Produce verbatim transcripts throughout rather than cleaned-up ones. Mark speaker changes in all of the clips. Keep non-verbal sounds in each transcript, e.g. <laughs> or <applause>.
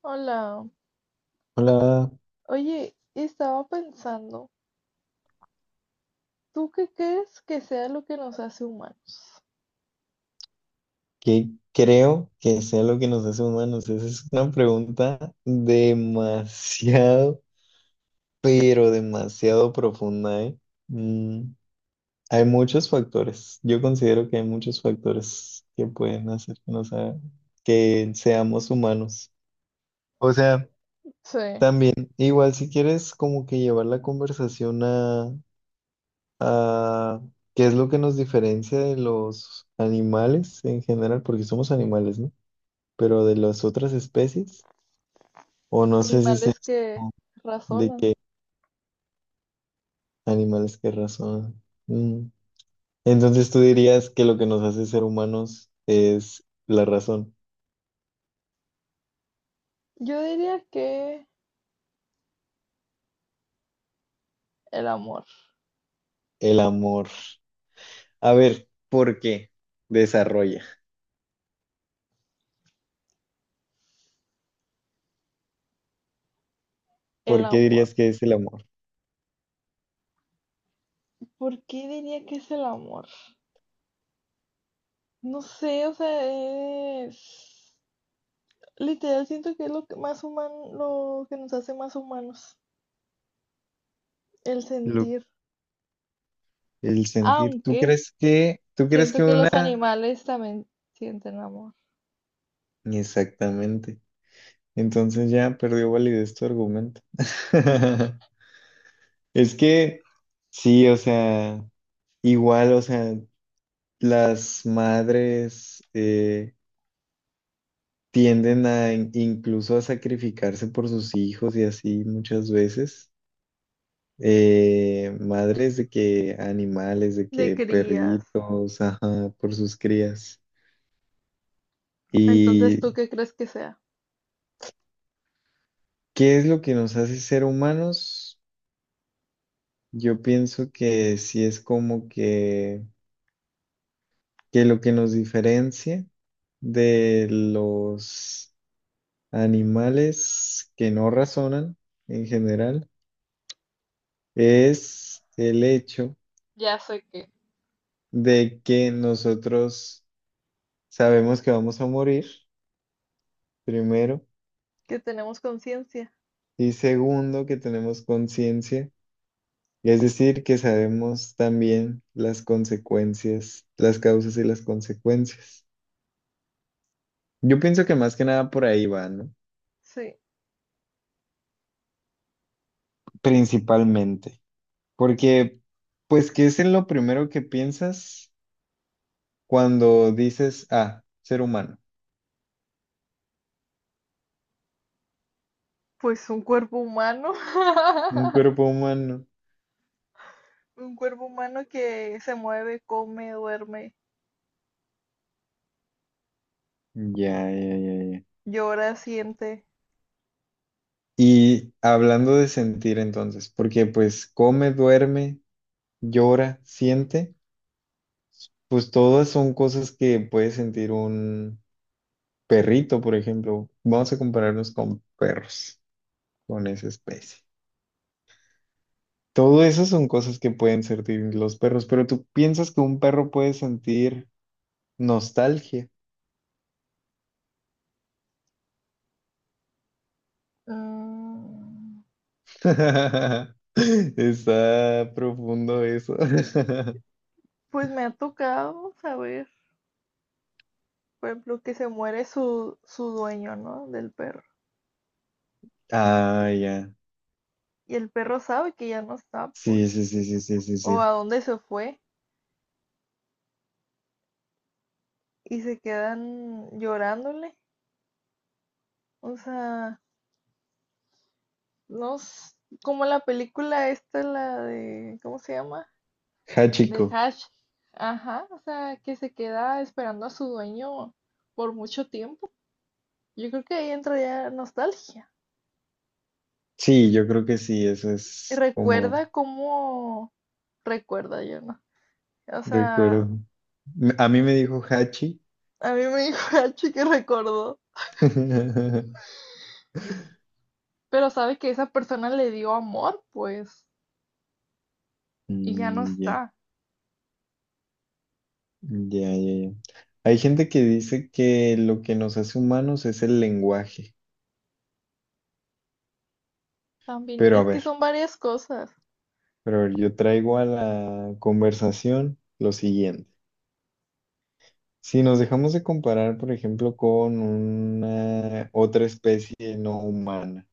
Speaker 1: Hola,
Speaker 2: Hola,
Speaker 1: oye, estaba pensando, ¿tú qué crees que sea lo que nos hace humanos?
Speaker 2: ¿qué creo que sea lo que nos hace humanos? Esa es una pregunta demasiado, <laughs> pero demasiado profunda, ¿eh? Mm, hay muchos factores. Yo considero que hay muchos factores que pueden hacer que nos haga- que seamos humanos. O sea,
Speaker 1: Sí,
Speaker 2: también, igual si quieres como que llevar la conversación a, a qué es lo que nos diferencia de los animales en general, porque somos animales, ¿no? Pero de las otras especies, o no sé si sea
Speaker 1: animales que
Speaker 2: de
Speaker 1: razonan.
Speaker 2: qué animales que razón. Mm. Entonces tú dirías que lo que nos hace ser humanos es la razón,
Speaker 1: Yo diría que el amor,
Speaker 2: el amor. A ver, ¿por qué? Desarrolla.
Speaker 1: el
Speaker 2: ¿Por qué
Speaker 1: amor.
Speaker 2: dirías que es el amor?
Speaker 1: ¿Por qué diría que es el amor? No sé, o sea, es... Literal siento que es lo que más humano, lo que nos hace más humanos, el
Speaker 2: Lo-
Speaker 1: sentir.
Speaker 2: el sentir. ¿Tú
Speaker 1: Aunque
Speaker 2: crees que, tú crees que
Speaker 1: siento que
Speaker 2: una...
Speaker 1: los animales también sienten amor.
Speaker 2: Exactamente. Entonces ya perdió validez tu argumento. <laughs> Es que, sí, o sea, igual, o sea... las madres eh, tienden a in- incluso a sacrificarse por sus hijos y así muchas veces. Eh, madres de que animales, de
Speaker 1: De
Speaker 2: que
Speaker 1: crías.
Speaker 2: perritos, ajá, por sus crías.
Speaker 1: Entonces,
Speaker 2: ¿Y
Speaker 1: ¿tú qué crees que sea?
Speaker 2: qué es lo que nos hace ser humanos? Yo pienso que sí es como que, que lo que nos diferencia de los animales que no razonan en general es el hecho
Speaker 1: Ya sé que.
Speaker 2: de que nosotros sabemos que vamos a morir, primero,
Speaker 1: Que tenemos conciencia.
Speaker 2: y segundo, que tenemos conciencia, es decir, que sabemos también las consecuencias, las causas y las consecuencias. Yo pienso que más que nada por ahí va, ¿no?
Speaker 1: Sí,
Speaker 2: Principalmente, porque pues que es en lo primero que piensas cuando dices, ah, ser humano,
Speaker 1: pues un cuerpo humano,
Speaker 2: un
Speaker 1: <laughs>
Speaker 2: cuerpo humano.
Speaker 1: un cuerpo humano que se mueve, come, duerme,
Speaker 2: Ya, ya, ya, ya.
Speaker 1: llora, siente.
Speaker 2: Y hablando de sentir entonces, porque pues come, duerme, llora, siente, pues todas son cosas que puede sentir un perrito, por ejemplo. Vamos a compararnos con perros, con esa especie. Todo eso son cosas que pueden sentir los perros, pero tú piensas que un perro puede sentir nostalgia.
Speaker 1: Mm,
Speaker 2: <laughs> Está profundo eso. <laughs>
Speaker 1: pues me ha tocado saber, por ejemplo, que se muere su, su dueño, ¿no? Del perro.
Speaker 2: Ah, ya.
Speaker 1: Y el perro sabe que ya no está, pues,
Speaker 2: Sí, sí, sí, sí, sí, sí, sí.
Speaker 1: o a dónde se fue y se quedan llorándole. O sea, no, s- como la película esta, la de, ¿cómo se llama? De
Speaker 2: Hachiko.
Speaker 1: Hash, ajá, o sea, que se queda esperando a su dueño por mucho tiempo. Yo creo que ahí entra ya nostalgia.
Speaker 2: Sí, yo creo que sí, eso
Speaker 1: Y
Speaker 2: es como
Speaker 1: recuerda cómo recuerda yo, ¿no? O
Speaker 2: recuerdo.
Speaker 1: sea,
Speaker 2: Me- A mí me dijo Hachi.
Speaker 1: a mí me <laughs> dijo Hachi que recordó,
Speaker 2: <laughs>
Speaker 1: pero sabe que esa persona le dio amor, pues, y ya no
Speaker 2: Mm, ya,
Speaker 1: está.
Speaker 2: ya, ya, ya. Hay gente que dice que lo que nos hace humanos es el lenguaje,
Speaker 1: También,
Speaker 2: pero a
Speaker 1: es que
Speaker 2: ver,
Speaker 1: son varias cosas,
Speaker 2: pero a ver, yo traigo a la conversación lo siguiente. Si nos dejamos de comparar, por ejemplo, con una otra especie no humana,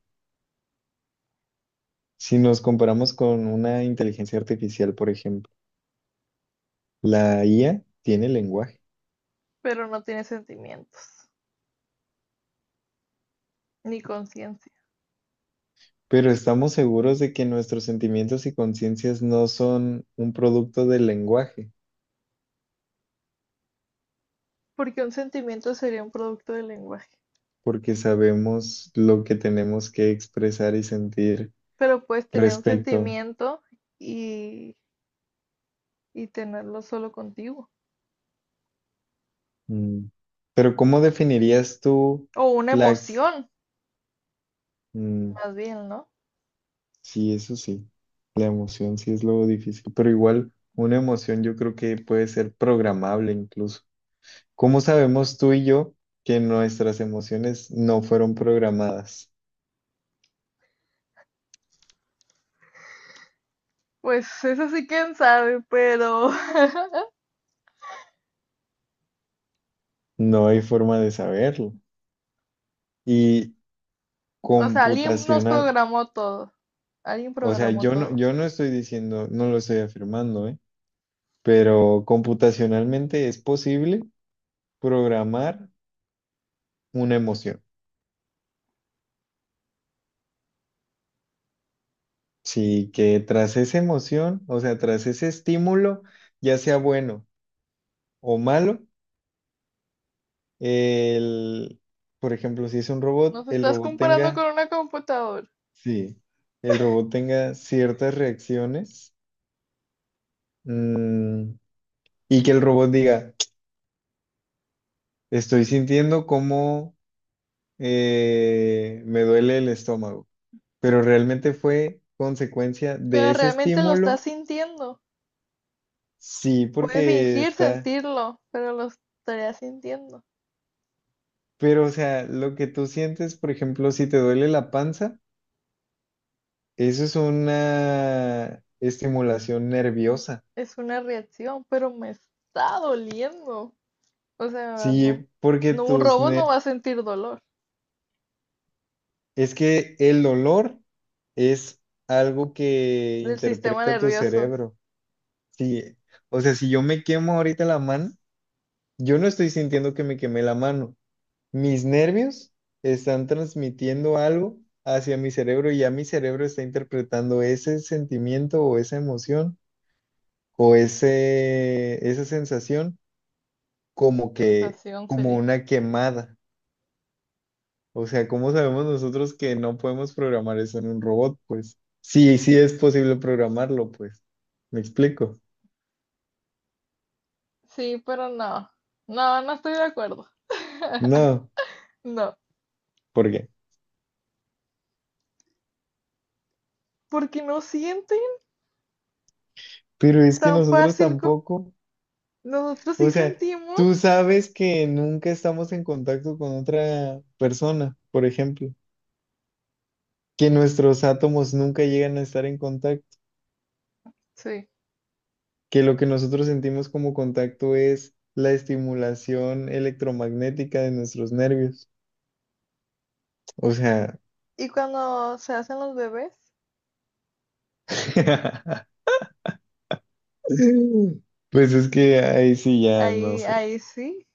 Speaker 2: si nos comparamos con una inteligencia artificial, por ejemplo, la I A tiene lenguaje.
Speaker 1: pero no tiene sentimientos ni conciencia,
Speaker 2: Pero estamos seguros de que nuestros sentimientos y conciencias no son un producto del lenguaje,
Speaker 1: porque un sentimiento sería un producto del lenguaje,
Speaker 2: porque sabemos lo que tenemos que expresar y sentir
Speaker 1: pero puedes tener un
Speaker 2: respecto.
Speaker 1: sentimiento y y tenerlo solo contigo.
Speaker 2: Mm. Pero ¿cómo definirías tú
Speaker 1: O una
Speaker 2: la... ex-
Speaker 1: emoción,
Speaker 2: mm,
Speaker 1: más bien, ¿no?
Speaker 2: sí, eso sí, la emoción sí es lo difícil, pero igual una emoción yo creo que puede ser programable incluso. ¿Cómo sabemos tú y yo que nuestras emociones no fueron programadas?
Speaker 1: Pues <laughs> eso sí quién sabe, pero... <laughs>
Speaker 2: No hay forma de saberlo. Y
Speaker 1: O sea, alguien nos
Speaker 2: computacional,
Speaker 1: programó todo. Alguien
Speaker 2: o sea,
Speaker 1: programó
Speaker 2: yo no,
Speaker 1: todo.
Speaker 2: yo no estoy diciendo, no lo estoy afirmando, ¿eh? Pero computacionalmente es posible programar una emoción. Sí, que tras esa emoción, o sea, tras ese estímulo, ya sea bueno o malo, el, por ejemplo, si es un robot,
Speaker 1: Nos
Speaker 2: el
Speaker 1: estás
Speaker 2: robot
Speaker 1: comparando con
Speaker 2: tenga,
Speaker 1: una computadora,
Speaker 2: sí, el robot tenga ciertas reacciones, mm, y que el robot diga, estoy sintiendo como eh, me duele el estómago, pero realmente fue consecuencia de
Speaker 1: pero
Speaker 2: ese
Speaker 1: realmente lo estás
Speaker 2: estímulo,
Speaker 1: sintiendo.
Speaker 2: sí,
Speaker 1: Puede
Speaker 2: porque
Speaker 1: fingir
Speaker 2: está,
Speaker 1: sentirlo, pero lo estaría sintiendo.
Speaker 2: pero o sea, lo que tú sientes, por ejemplo, si te duele la panza, eso es una estimulación nerviosa,
Speaker 1: Es una reacción, pero me está doliendo. O sea, no,
Speaker 2: sí, porque
Speaker 1: no, un
Speaker 2: tus
Speaker 1: robot no va
Speaker 2: ner-
Speaker 1: a sentir dolor
Speaker 2: es que el dolor es algo que
Speaker 1: del sistema
Speaker 2: interpreta tu
Speaker 1: nervioso.
Speaker 2: cerebro, sí, o sea, si yo me quemo ahorita la mano, yo no estoy sintiendo que me quemé la mano. Mis nervios están transmitiendo algo hacia mi cerebro y ya mi cerebro está interpretando ese sentimiento o esa emoción o ese, esa sensación como que,
Speaker 1: Sensación
Speaker 2: como
Speaker 1: sería.
Speaker 2: una quemada. O sea, ¿cómo sabemos nosotros que no podemos programar eso en un robot? Pues sí, sí es posible programarlo, pues. ¿Me explico?
Speaker 1: Sí, pero no. No, no estoy de acuerdo.
Speaker 2: No,
Speaker 1: No.
Speaker 2: ¿por qué?
Speaker 1: Porque no sienten
Speaker 2: Pero es que
Speaker 1: tan
Speaker 2: nosotros
Speaker 1: fácil como
Speaker 2: tampoco.
Speaker 1: nosotros
Speaker 2: O
Speaker 1: sí
Speaker 2: sea,
Speaker 1: sentimos.
Speaker 2: tú sabes que nunca estamos en contacto con otra persona, por ejemplo, que nuestros átomos nunca llegan a estar en contacto,
Speaker 1: Sí.
Speaker 2: que lo que nosotros sentimos como contacto es la estimulación electromagnética de nuestros nervios. O sea,
Speaker 1: Y cuando se hacen los bebés,
Speaker 2: <laughs> pues es que ahí sí ya no
Speaker 1: ahí,
Speaker 2: sé.
Speaker 1: ahí sí,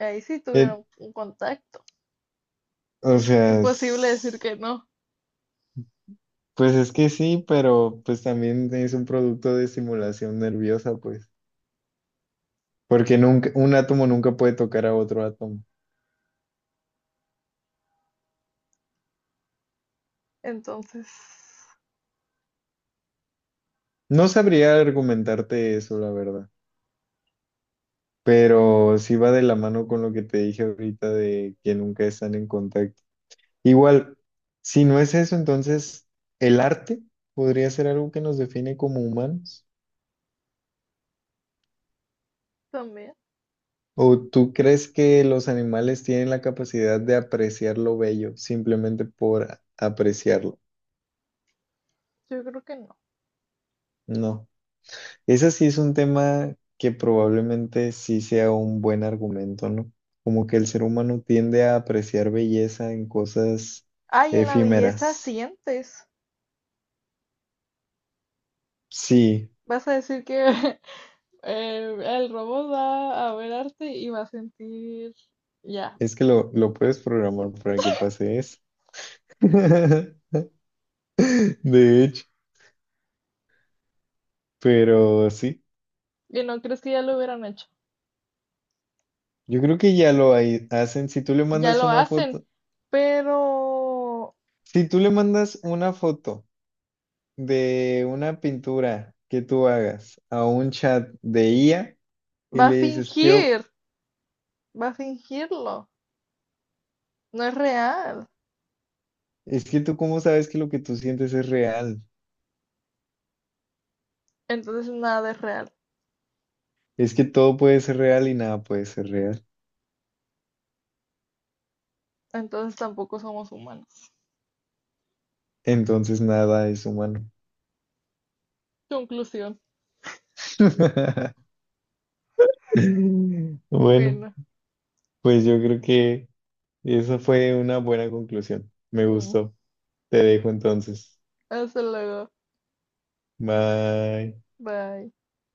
Speaker 1: ahí sí
Speaker 2: Eh,
Speaker 1: tuvieron un contacto.
Speaker 2: o sea,
Speaker 1: Imposible decir
Speaker 2: s-
Speaker 1: que no.
Speaker 2: pues es que sí, pero pues también es un producto de estimulación nerviosa, pues. Porque nunca, un átomo nunca puede tocar a otro átomo.
Speaker 1: Entonces,
Speaker 2: No sabría argumentarte eso, la verdad. Pero sí va de la mano con lo que te dije ahorita de que nunca están en contacto. Igual, si no es eso, entonces el arte podría ser algo que nos define como humanos.
Speaker 1: también,
Speaker 2: ¿O tú crees que los animales tienen la capacidad de apreciar lo bello simplemente por apreciarlo?
Speaker 1: yo creo que no.
Speaker 2: No. Ese sí es un tema que probablemente sí sea un buen argumento, ¿no? Como que el ser humano tiende a apreciar belleza en cosas
Speaker 1: Ay, en la belleza
Speaker 2: efímeras.
Speaker 1: sientes.
Speaker 2: Sí,
Speaker 1: Vas a decir que <laughs> eh, el robot va a ver arte y va a sentir ya.
Speaker 2: es que lo, lo puedes programar para que pase eso. <laughs> De hecho, pero sí,
Speaker 1: Y no crees que ya lo hubieran hecho.
Speaker 2: yo creo que ya lo hay- hacen. Si tú le
Speaker 1: Ya
Speaker 2: mandas
Speaker 1: lo
Speaker 2: una
Speaker 1: hacen,
Speaker 2: foto,
Speaker 1: pero
Speaker 2: si tú le mandas una foto de una pintura que tú hagas a un chat de I A y
Speaker 1: va a
Speaker 2: le dices, ¿qué,
Speaker 1: fingir, va a fingirlo, no es real,
Speaker 2: es que tú cómo sabes que lo que tú sientes es real.
Speaker 1: entonces nada es real,
Speaker 2: Es que todo puede ser real y nada puede ser real.
Speaker 1: entonces tampoco somos humanos.
Speaker 2: Entonces nada es humano.
Speaker 1: Conclusión.
Speaker 2: <laughs> Bueno,
Speaker 1: Bueno,
Speaker 2: pues yo creo que esa fue una buena conclusión. Me
Speaker 1: mm,
Speaker 2: gustó. Te dejo entonces.
Speaker 1: hasta luego,
Speaker 2: Bye.
Speaker 1: bye.